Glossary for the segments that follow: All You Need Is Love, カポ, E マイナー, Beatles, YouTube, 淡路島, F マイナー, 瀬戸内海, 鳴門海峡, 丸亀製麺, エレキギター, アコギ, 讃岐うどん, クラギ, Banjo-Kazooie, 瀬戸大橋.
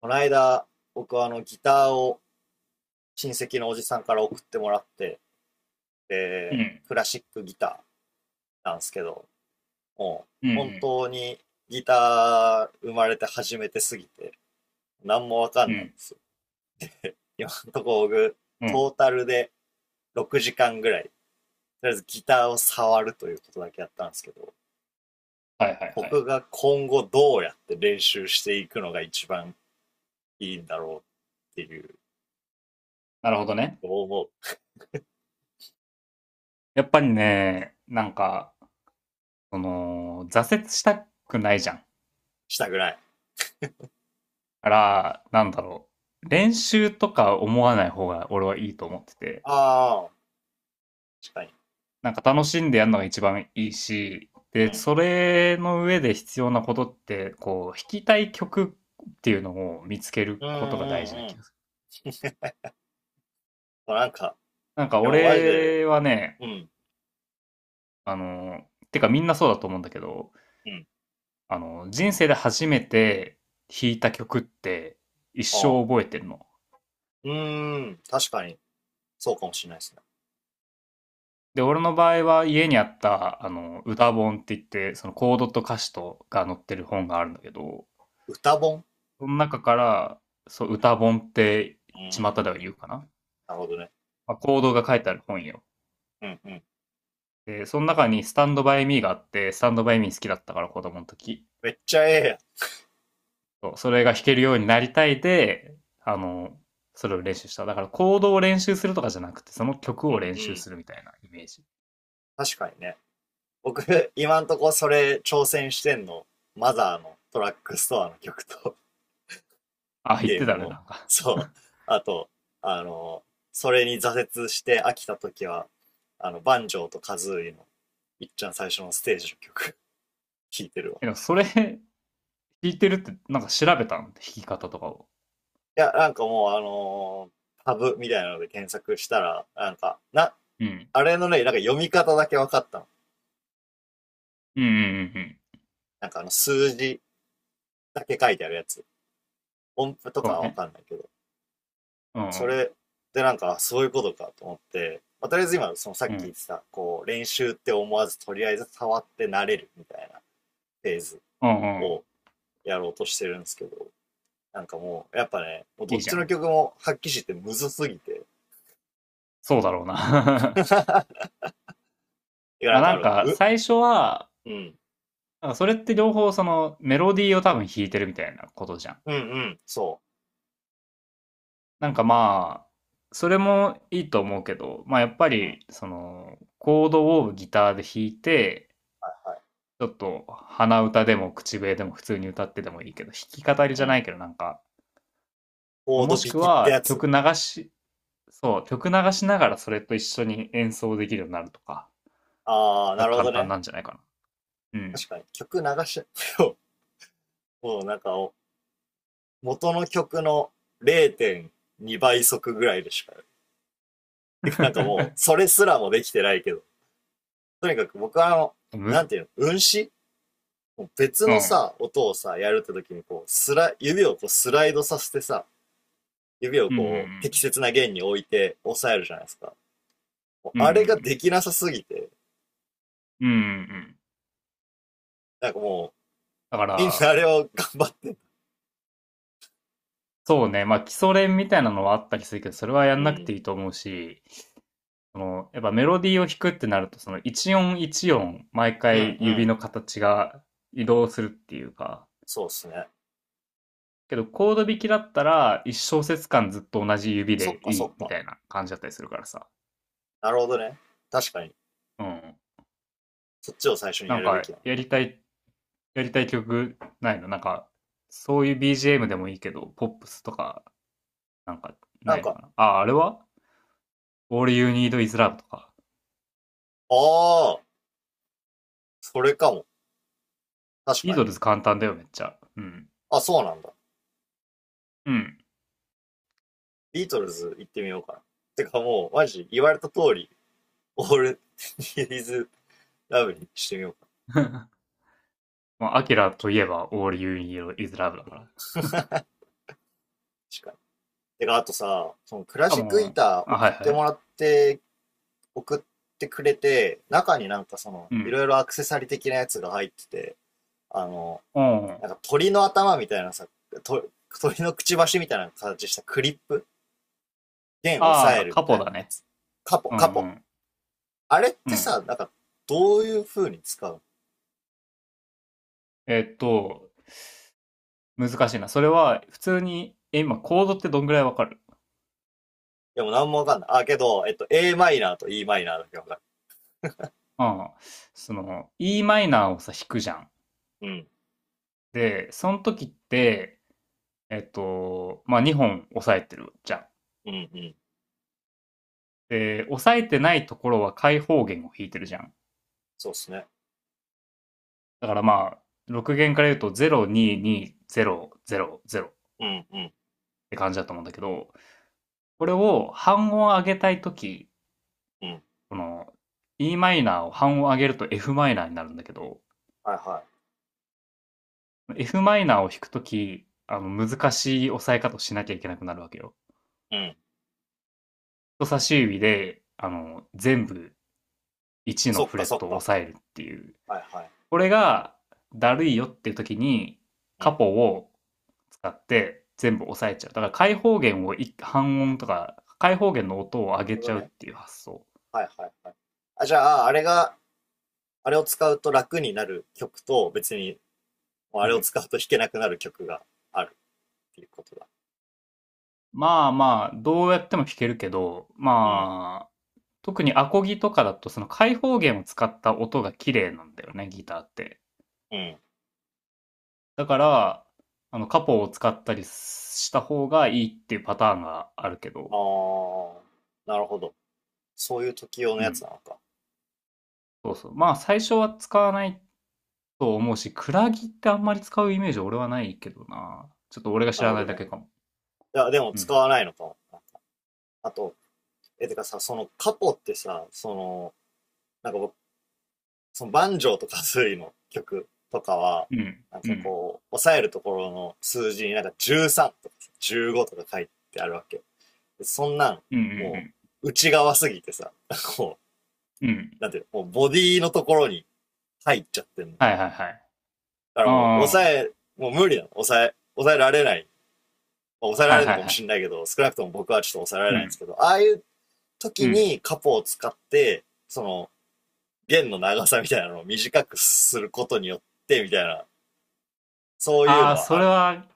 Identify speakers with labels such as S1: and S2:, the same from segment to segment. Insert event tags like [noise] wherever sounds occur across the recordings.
S1: この間、僕はあのギターを親戚のおじさんから送ってもらって、
S2: う
S1: で、
S2: ん。
S1: クラシックギターなんですけど、もう
S2: う
S1: 本
S2: ん
S1: 当にギター生まれて初めてすぎて、何もわか
S2: うん。
S1: ん
S2: う
S1: ないんで
S2: ん。
S1: すよ。今のところ僕、
S2: う
S1: ト
S2: ん。
S1: ータルで6時間ぐらい、とりあえずギターを触るということだけやったんですけど、
S2: はいはいはい。
S1: 僕が今後どうやって練習していくのが一番いいんだろうっていう、
S2: なるほどね。
S1: どう思う？
S2: やっぱりね、なんか、その、挫折したくないじゃん。
S1: したくない。
S2: から、なんだろう。練習とか思わない方が俺はいいと思ってて、
S1: ああ、確かに。
S2: なんか楽しんでやるのが一番いいし、
S1: う
S2: で、
S1: ん。
S2: それの上で必要なことって、こう、弾きたい曲っていうのを見つける
S1: うんう
S2: ことが大事な
S1: んう
S2: 気がす
S1: ん。
S2: る。
S1: もうなんか、
S2: なんか
S1: でもマジで、
S2: 俺はね、
S1: うん、
S2: あの、てかみんなそうだと思うんだけど、
S1: うん。
S2: あの、人生で初めて弾いた曲って一
S1: ああ。
S2: 生覚えてるの。
S1: うーん、確かに、そうかもしれないですね。
S2: で、俺の場合は家にあった、あの、歌本って言って、そのコードと歌詞とが載ってる本があるんだけど、
S1: 歌本。
S2: その中から、そう、歌本って
S1: う
S2: 巷
S1: ーん、
S2: では言うかな。
S1: なるほどね。
S2: まあ、コードが書いてある本よ。
S1: うんうん。
S2: で、その中にスタンドバイミーがあって、スタンドバイミー好きだったから子供の時。
S1: めっちゃええやん。
S2: そう、それが弾けるようになりたいで、あの、それを練習した。だからコードを練習するとかじゃなくて、その曲
S1: うん
S2: を
S1: う
S2: 練習
S1: ん。
S2: するみたいなイメージ。
S1: 確かにね。僕、今んとこそれ挑戦してんの、マザーのトラックストアの曲と、
S2: あ、
S1: [laughs]
S2: 言っ
S1: ゲー
S2: て
S1: ム
S2: たね、
S1: の、
S2: なんか。
S1: そう。あと、あの、それに挫折して飽きた時は、バンジョーとカズーイの、いっちゃん最初のステージの曲、[laughs] 聴いてるわ。
S2: でもそれ [laughs] 弾いてるって、なんか調べたの弾き方とかを。
S1: いや、なんかもう、タブみたいなので検索したら、なんか、
S2: うん。
S1: あれのね、なんか読み方だけ分かったの。
S2: うんうんうんうん。
S1: なんか数字だけ書いてあるやつ。音符と
S2: そう
S1: かは分
S2: ね。
S1: かんないけど。
S2: うんう
S1: そ
S2: ん。
S1: れでなんか、そういうことかと思って、まあ、とりあえず今、そのさっ
S2: う
S1: き言
S2: ん。
S1: ってた、こう、練習って思わず、とりあえず触って慣れるみたいなフェーズ
S2: うんうん。
S1: をやろうとしてるんですけど、なんかもう、やっぱね、もう
S2: い
S1: ど
S2: い
S1: っ
S2: じ
S1: ち
S2: ゃ
S1: の
S2: ん。
S1: 曲も発揮してむずすぎて。
S2: そうだろうな。[laughs]
S1: [laughs] いや、
S2: ま
S1: な
S2: あ
S1: んか
S2: な
S1: あ
S2: ん
S1: る、
S2: か、最初は、
S1: うん、
S2: なんかそれって両方そのメロディーを多分弾いてるみたいなことじゃん。
S1: うん、うん、そ
S2: なんかまあ、それもいいと思うけど、まあやっぱ
S1: う。うん。
S2: り、その、コードをギターで弾いて、
S1: はい
S2: ちょっと鼻歌でも口笛でも普通に歌ってでもいいけど、弾き語り
S1: う
S2: じゃな
S1: ん。
S2: いけどなんか、
S1: コード
S2: もし
S1: 引
S2: く
S1: きってや
S2: は
S1: つ。
S2: 曲流し、そう、曲流しながらそれと一緒に演奏できるようになるとか
S1: あー、
S2: が
S1: なるほ
S2: 簡
S1: ど
S2: 単
S1: ね。
S2: なんじゃないかな。うん。
S1: 確かに。曲流し、[laughs] もうもうなんか、元の曲の0.2倍速ぐらいでしか。てかなんかもう、それすらもできてないけど。とにかく僕は
S2: む、
S1: なんていうの、運指別
S2: う
S1: の
S2: ん。
S1: さ、音をさ、やるって時にこう、指をこうスライドさせてさ、指を
S2: うんう
S1: こう、適
S2: ん
S1: 切な弦に置いて押さえるじゃないですか。
S2: うん。うんう
S1: あれがで
S2: ん
S1: きなさすぎて、
S2: うん。うんうんうん。
S1: なんかも
S2: だか
S1: う、みんなあ
S2: ら、
S1: れを頑張って、
S2: そうね、まあ基礎練みたいなのはあったりするけど、それはや
S1: う
S2: んなくて
S1: ん、
S2: いいと思うし、その、やっぱメロディーを弾くってなると、その一音一音、毎
S1: うん、
S2: 回
S1: う
S2: 指
S1: ん。
S2: の形が移動するっていうか、
S1: そうっすね。
S2: けどコード弾きだったら、一小節間ずっと同じ指
S1: そっ
S2: で
S1: か
S2: い
S1: そ
S2: い
S1: っ
S2: み
S1: か。
S2: たいな感じだったりするからさ。
S1: なるほどね。確かに。
S2: うん。
S1: そっちを最初に
S2: な
S1: や
S2: ん
S1: るべ
S2: か、
S1: きだ
S2: やりたい曲ないのなんか、そういう BGM でもいいけど、ポップスとか、なんか、
S1: な。な
S2: な
S1: ん
S2: いの
S1: か、
S2: かなあ、あれは ?All You Need Is Love とか。
S1: ああ、それかも。確
S2: イー
S1: か
S2: ド
S1: に。
S2: ルズ簡単だよ、めっちゃ。うん。
S1: あ、そうなんだ。
S2: うん。
S1: ビートルズ行ってみようかな。てかもう、マジ、言われた通り、オール、ディーズラブにしてみようかな。
S2: [laughs] まあ、アキラといえば All You Need Is Love だから。
S1: 確かに。てか、あとさ、そのクラ
S2: か
S1: シックギ
S2: も、
S1: ター
S2: あ、
S1: 送
S2: はい
S1: って
S2: は
S1: も
S2: い。
S1: らって、送ってくれて、中になんかその、
S2: う
S1: い
S2: ん。
S1: ろいろアクセサリー的なやつが入ってて、あの
S2: うん。
S1: なんか鳥の頭みたいなさ、と鳥のくちばしみたいな形したクリップ、弦を押さ
S2: あ
S1: え
S2: あ、
S1: る
S2: カ
S1: みた
S2: ポ
S1: い
S2: だ
S1: なや
S2: ね。
S1: つ。カポ、
S2: う
S1: カ
S2: ん
S1: ポ。
S2: うん。
S1: あれっ
S2: う
S1: て
S2: ん。
S1: さ、なんか、どういう風に使うの？
S2: えっと、難しいな。それは、普通に、え、今、コードってどんぐらいわかる？
S1: でもなんもわかんない。あ、けど、a マイナーと e マイナーだけわかる。
S2: ああ、その、E マイナーをさ、弾くじゃん。
S1: うん、
S2: で、その時って、まあ、2本押さえてるじゃん。
S1: うん、うん。
S2: で、押さえてないところは開放弦を弾いてるじゃん。
S1: そうっすね。
S2: だからまあ、6弦から言うと0、2、2、0、0、0っ
S1: うん、うん、
S2: て感じだと思うんだけど、これを半音上げたい時、
S1: うん。
S2: この E マイナーを半音上げると F マイナーになるんだけど、
S1: はいは
S2: F マイナーを弾く時、あの、難しい押さえ方をしなきゃいけなくなるわけよ。
S1: い。うん。
S2: 人差し指で、あの、全部1の
S1: そっ
S2: フ
S1: か、
S2: レッ
S1: そっ
S2: トを
S1: か。
S2: 押さえるっていう。
S1: はいはい。
S2: これがだるいよっていう時に、
S1: うん。
S2: カ
S1: なる
S2: ポを使って全部押さえちゃう。だから開放弦を半音とか、開放弦の音を上げ
S1: ほど
S2: ちゃうっ
S1: ね。
S2: ていう発想。
S1: はいはいはい。あ、じゃあ、あれが、あれを使うと楽になる曲と、別に、あ
S2: う
S1: れを
S2: ん。
S1: 使うと弾けなくなる曲があるっていうことだ。
S2: まあまあ、どうやっても弾けるけど、
S1: うん、
S2: まあ、特にアコギとかだとその開放弦を使った音が綺麗なんだよね、ギターって。
S1: うん。
S2: だから、あの、カポを使ったりした方がいいっていうパターンがあるけ
S1: あ
S2: ど、
S1: あ、なるほど。そういう時用の
S2: う
S1: やつ
S2: ん、
S1: なのか。
S2: そうそう。まあ、最初は使わないと思うし、クラギってあんまり使うイメージ俺はないけどな。ちょっと俺が知
S1: なる
S2: ら
S1: ほ
S2: な
S1: ど
S2: いだ
S1: ね。
S2: けかも。
S1: いや、でも
S2: う
S1: 使
S2: ん。
S1: わないのかも。あと、てかさ、そのカポってさ、その、なんか僕、そのバンジョーとかズーイの曲とかは、
S2: うん。
S1: なん
S2: う
S1: か
S2: ん。
S1: こう、押さえるところの数字になんか13とか15とか書いてあるわけ。でそんなん、
S2: うんう
S1: も
S2: ん
S1: う、内側すぎてさ、[laughs] こ
S2: うん。うん。
S1: う、なんていうの、もうボディのところに入っちゃってんの。だ
S2: はいはいはい。
S1: からもう、
S2: ああ、
S1: もう無理なの。抑えられない抑えら
S2: は
S1: れ
S2: い
S1: るの
S2: はい
S1: かも
S2: は
S1: し
S2: い。
S1: れないけど、少なくとも僕はちょっと抑えられ
S2: う
S1: ないんで
S2: ん。
S1: すけど、ああいう
S2: う
S1: 時
S2: ん。
S1: にカポを使って、その、弦の長さみたいなのを短くすることによって、みたいな、そういう
S2: あ
S1: の
S2: あ、
S1: は
S2: そ
S1: あ
S2: れ
S1: る。
S2: は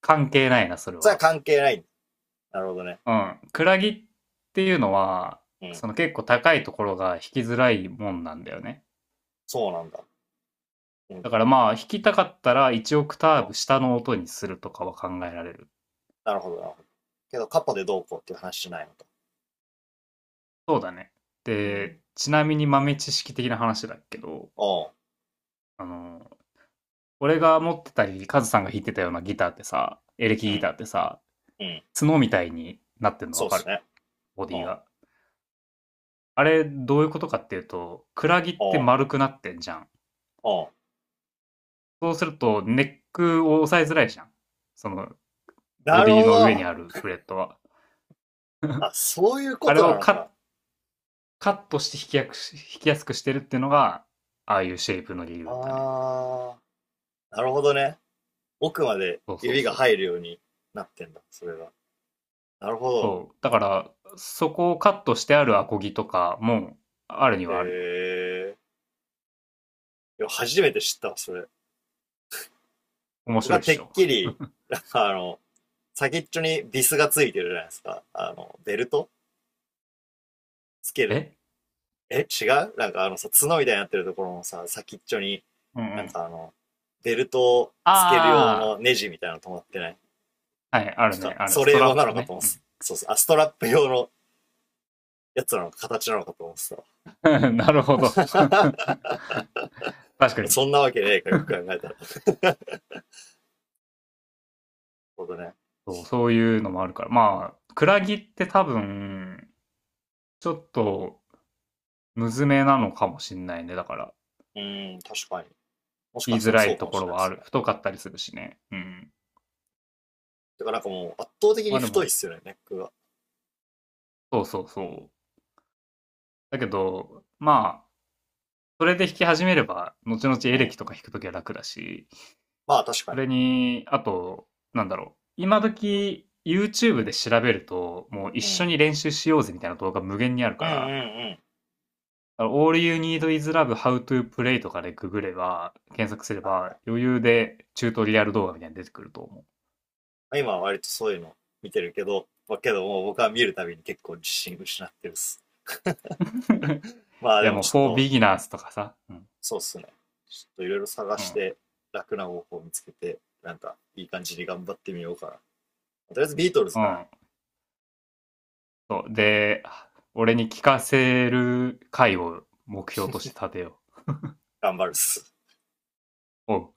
S2: 関係ないな、それ
S1: それは
S2: は。
S1: 関係ない。なるほどね。
S2: うん。クラギっていうのは、
S1: うん。
S2: その結構高いところが引きづらいもんなんだよね。
S1: そうなんだ。うん。
S2: だからまあ、弾きたかったら1オクターブ下の音にするとかは考えられる。
S1: なるほど、なるほど。けど、カポでどうこうっていう話じゃないのか。
S2: そうだね。
S1: うん。
S2: で、ちなみに豆知識的な話だけど、
S1: おう。
S2: あの、俺が持ってたり、カズさんが弾いてたようなギターってさ、エレ
S1: う
S2: キギ
S1: ん。
S2: ターってさ、
S1: うん。
S2: 角みたいになってんの
S1: そ
S2: わ
S1: うで
S2: か
S1: す
S2: る？
S1: ね。
S2: ボデ
S1: う
S2: ィ
S1: ん。
S2: が。あれ、どういうことかっていうと、クラギって
S1: おう。
S2: 丸くなってんじゃん。
S1: おう。
S2: そうすると、ネックを押さえづらいじゃん。その、ボ
S1: な
S2: デ
S1: る
S2: ィ
S1: ほ
S2: の上に
S1: ど。
S2: あるフレットは。[laughs]
S1: あ、そういうこ
S2: あれ
S1: とな
S2: を
S1: の
S2: カッ
S1: か。
S2: カットして引きやすくしてるっていうのが、ああいうシェイプの理由だね。
S1: あー。なるほどね。奥まで
S2: そうそう
S1: 指が
S2: そ
S1: 入
S2: う。
S1: るようになってんだ、それが。なるほど。
S2: そう。だから、そこをカットしてあるアコギとかも、あるにはあるよ。
S1: えいや初めて知ったわ、それ。
S2: 面
S1: 僕
S2: 白
S1: は
S2: いっ
S1: て
S2: し
S1: っ
S2: ょ。
S1: きり、なんかあの、先っちょにビスがついてるじゃないですか。あの、ベルトつける。
S2: え、
S1: 違う、なんかあのさ、角みたいになってるところのさ、先っちょに、
S2: うんう
S1: なん
S2: ん。
S1: かあの、ベルトをつける用の
S2: あ
S1: ネジみたいなの止まってない？
S2: あ、はい、ある
S1: なん
S2: ね、
S1: か、
S2: ある。
S1: そ
S2: ス
S1: れ
S2: トラ
S1: 用
S2: ッ
S1: なの
S2: プ
S1: かと
S2: ね。
S1: 思っ
S2: う
S1: てた。
S2: ん
S1: そうそう。あ、ストラップ用のやつなのか、形なのかと思ってた。
S2: [laughs] なるほど。[laughs] 確か
S1: [laughs]
S2: に
S1: そんなわけねえか、よく考えたら。[laughs] ほどね。
S2: そう。そういうのもあるから。まあ、クラギって多分、ちょっと、むずめなのかもしんないね。だから、
S1: うん、確かに。もし
S2: 言い
S1: かし
S2: づ
S1: たら
S2: ら
S1: そう
S2: い
S1: か
S2: と
S1: も
S2: こ
S1: しれ
S2: ろ
S1: ないで
S2: はあ
S1: す
S2: る。
S1: ね。
S2: 太かったりするしね。うん。
S1: てからなんかもう圧倒的
S2: ま
S1: に
S2: あで
S1: 太いっ
S2: も、
S1: すよね、ネックが。
S2: そうそうそう。だけど、まあ、それで弾き始めれば、後々
S1: う
S2: エレ
S1: ん。
S2: キとか弾くときは楽だし、
S1: まあ確か
S2: そ
S1: に。
S2: れに、あと、なんだろう。今時、YouTube で調べると、もう一
S1: う
S2: 緒
S1: ん。
S2: に練習しようぜみたいな動画無限にある
S1: う
S2: か
S1: んうんう
S2: ら、
S1: ん。
S2: だから All You Need Is Love How to Play とかでググれば、検索すれ
S1: はい
S2: ば、
S1: は
S2: 余裕でチュートリアル動画みたいに出てくると思う。
S1: い。今は割とそういうの見てるけど、まあけどもう僕は見るたびに結構自信失ってるっす。まあ
S2: い
S1: で
S2: や、
S1: も
S2: もう
S1: ちょっ
S2: For
S1: と、
S2: Beginners とかさ、うん、
S1: そうっすね。ちょっといろいろ探
S2: う
S1: し
S2: ん、
S1: て楽な方法を見つけて、なんかいい感じに頑張ってみようかな。とりあえずビートルズ
S2: う
S1: から
S2: ん。そう。で、俺に聞かせる回を目標として立てよう。
S1: 頑張るっす。
S2: うん。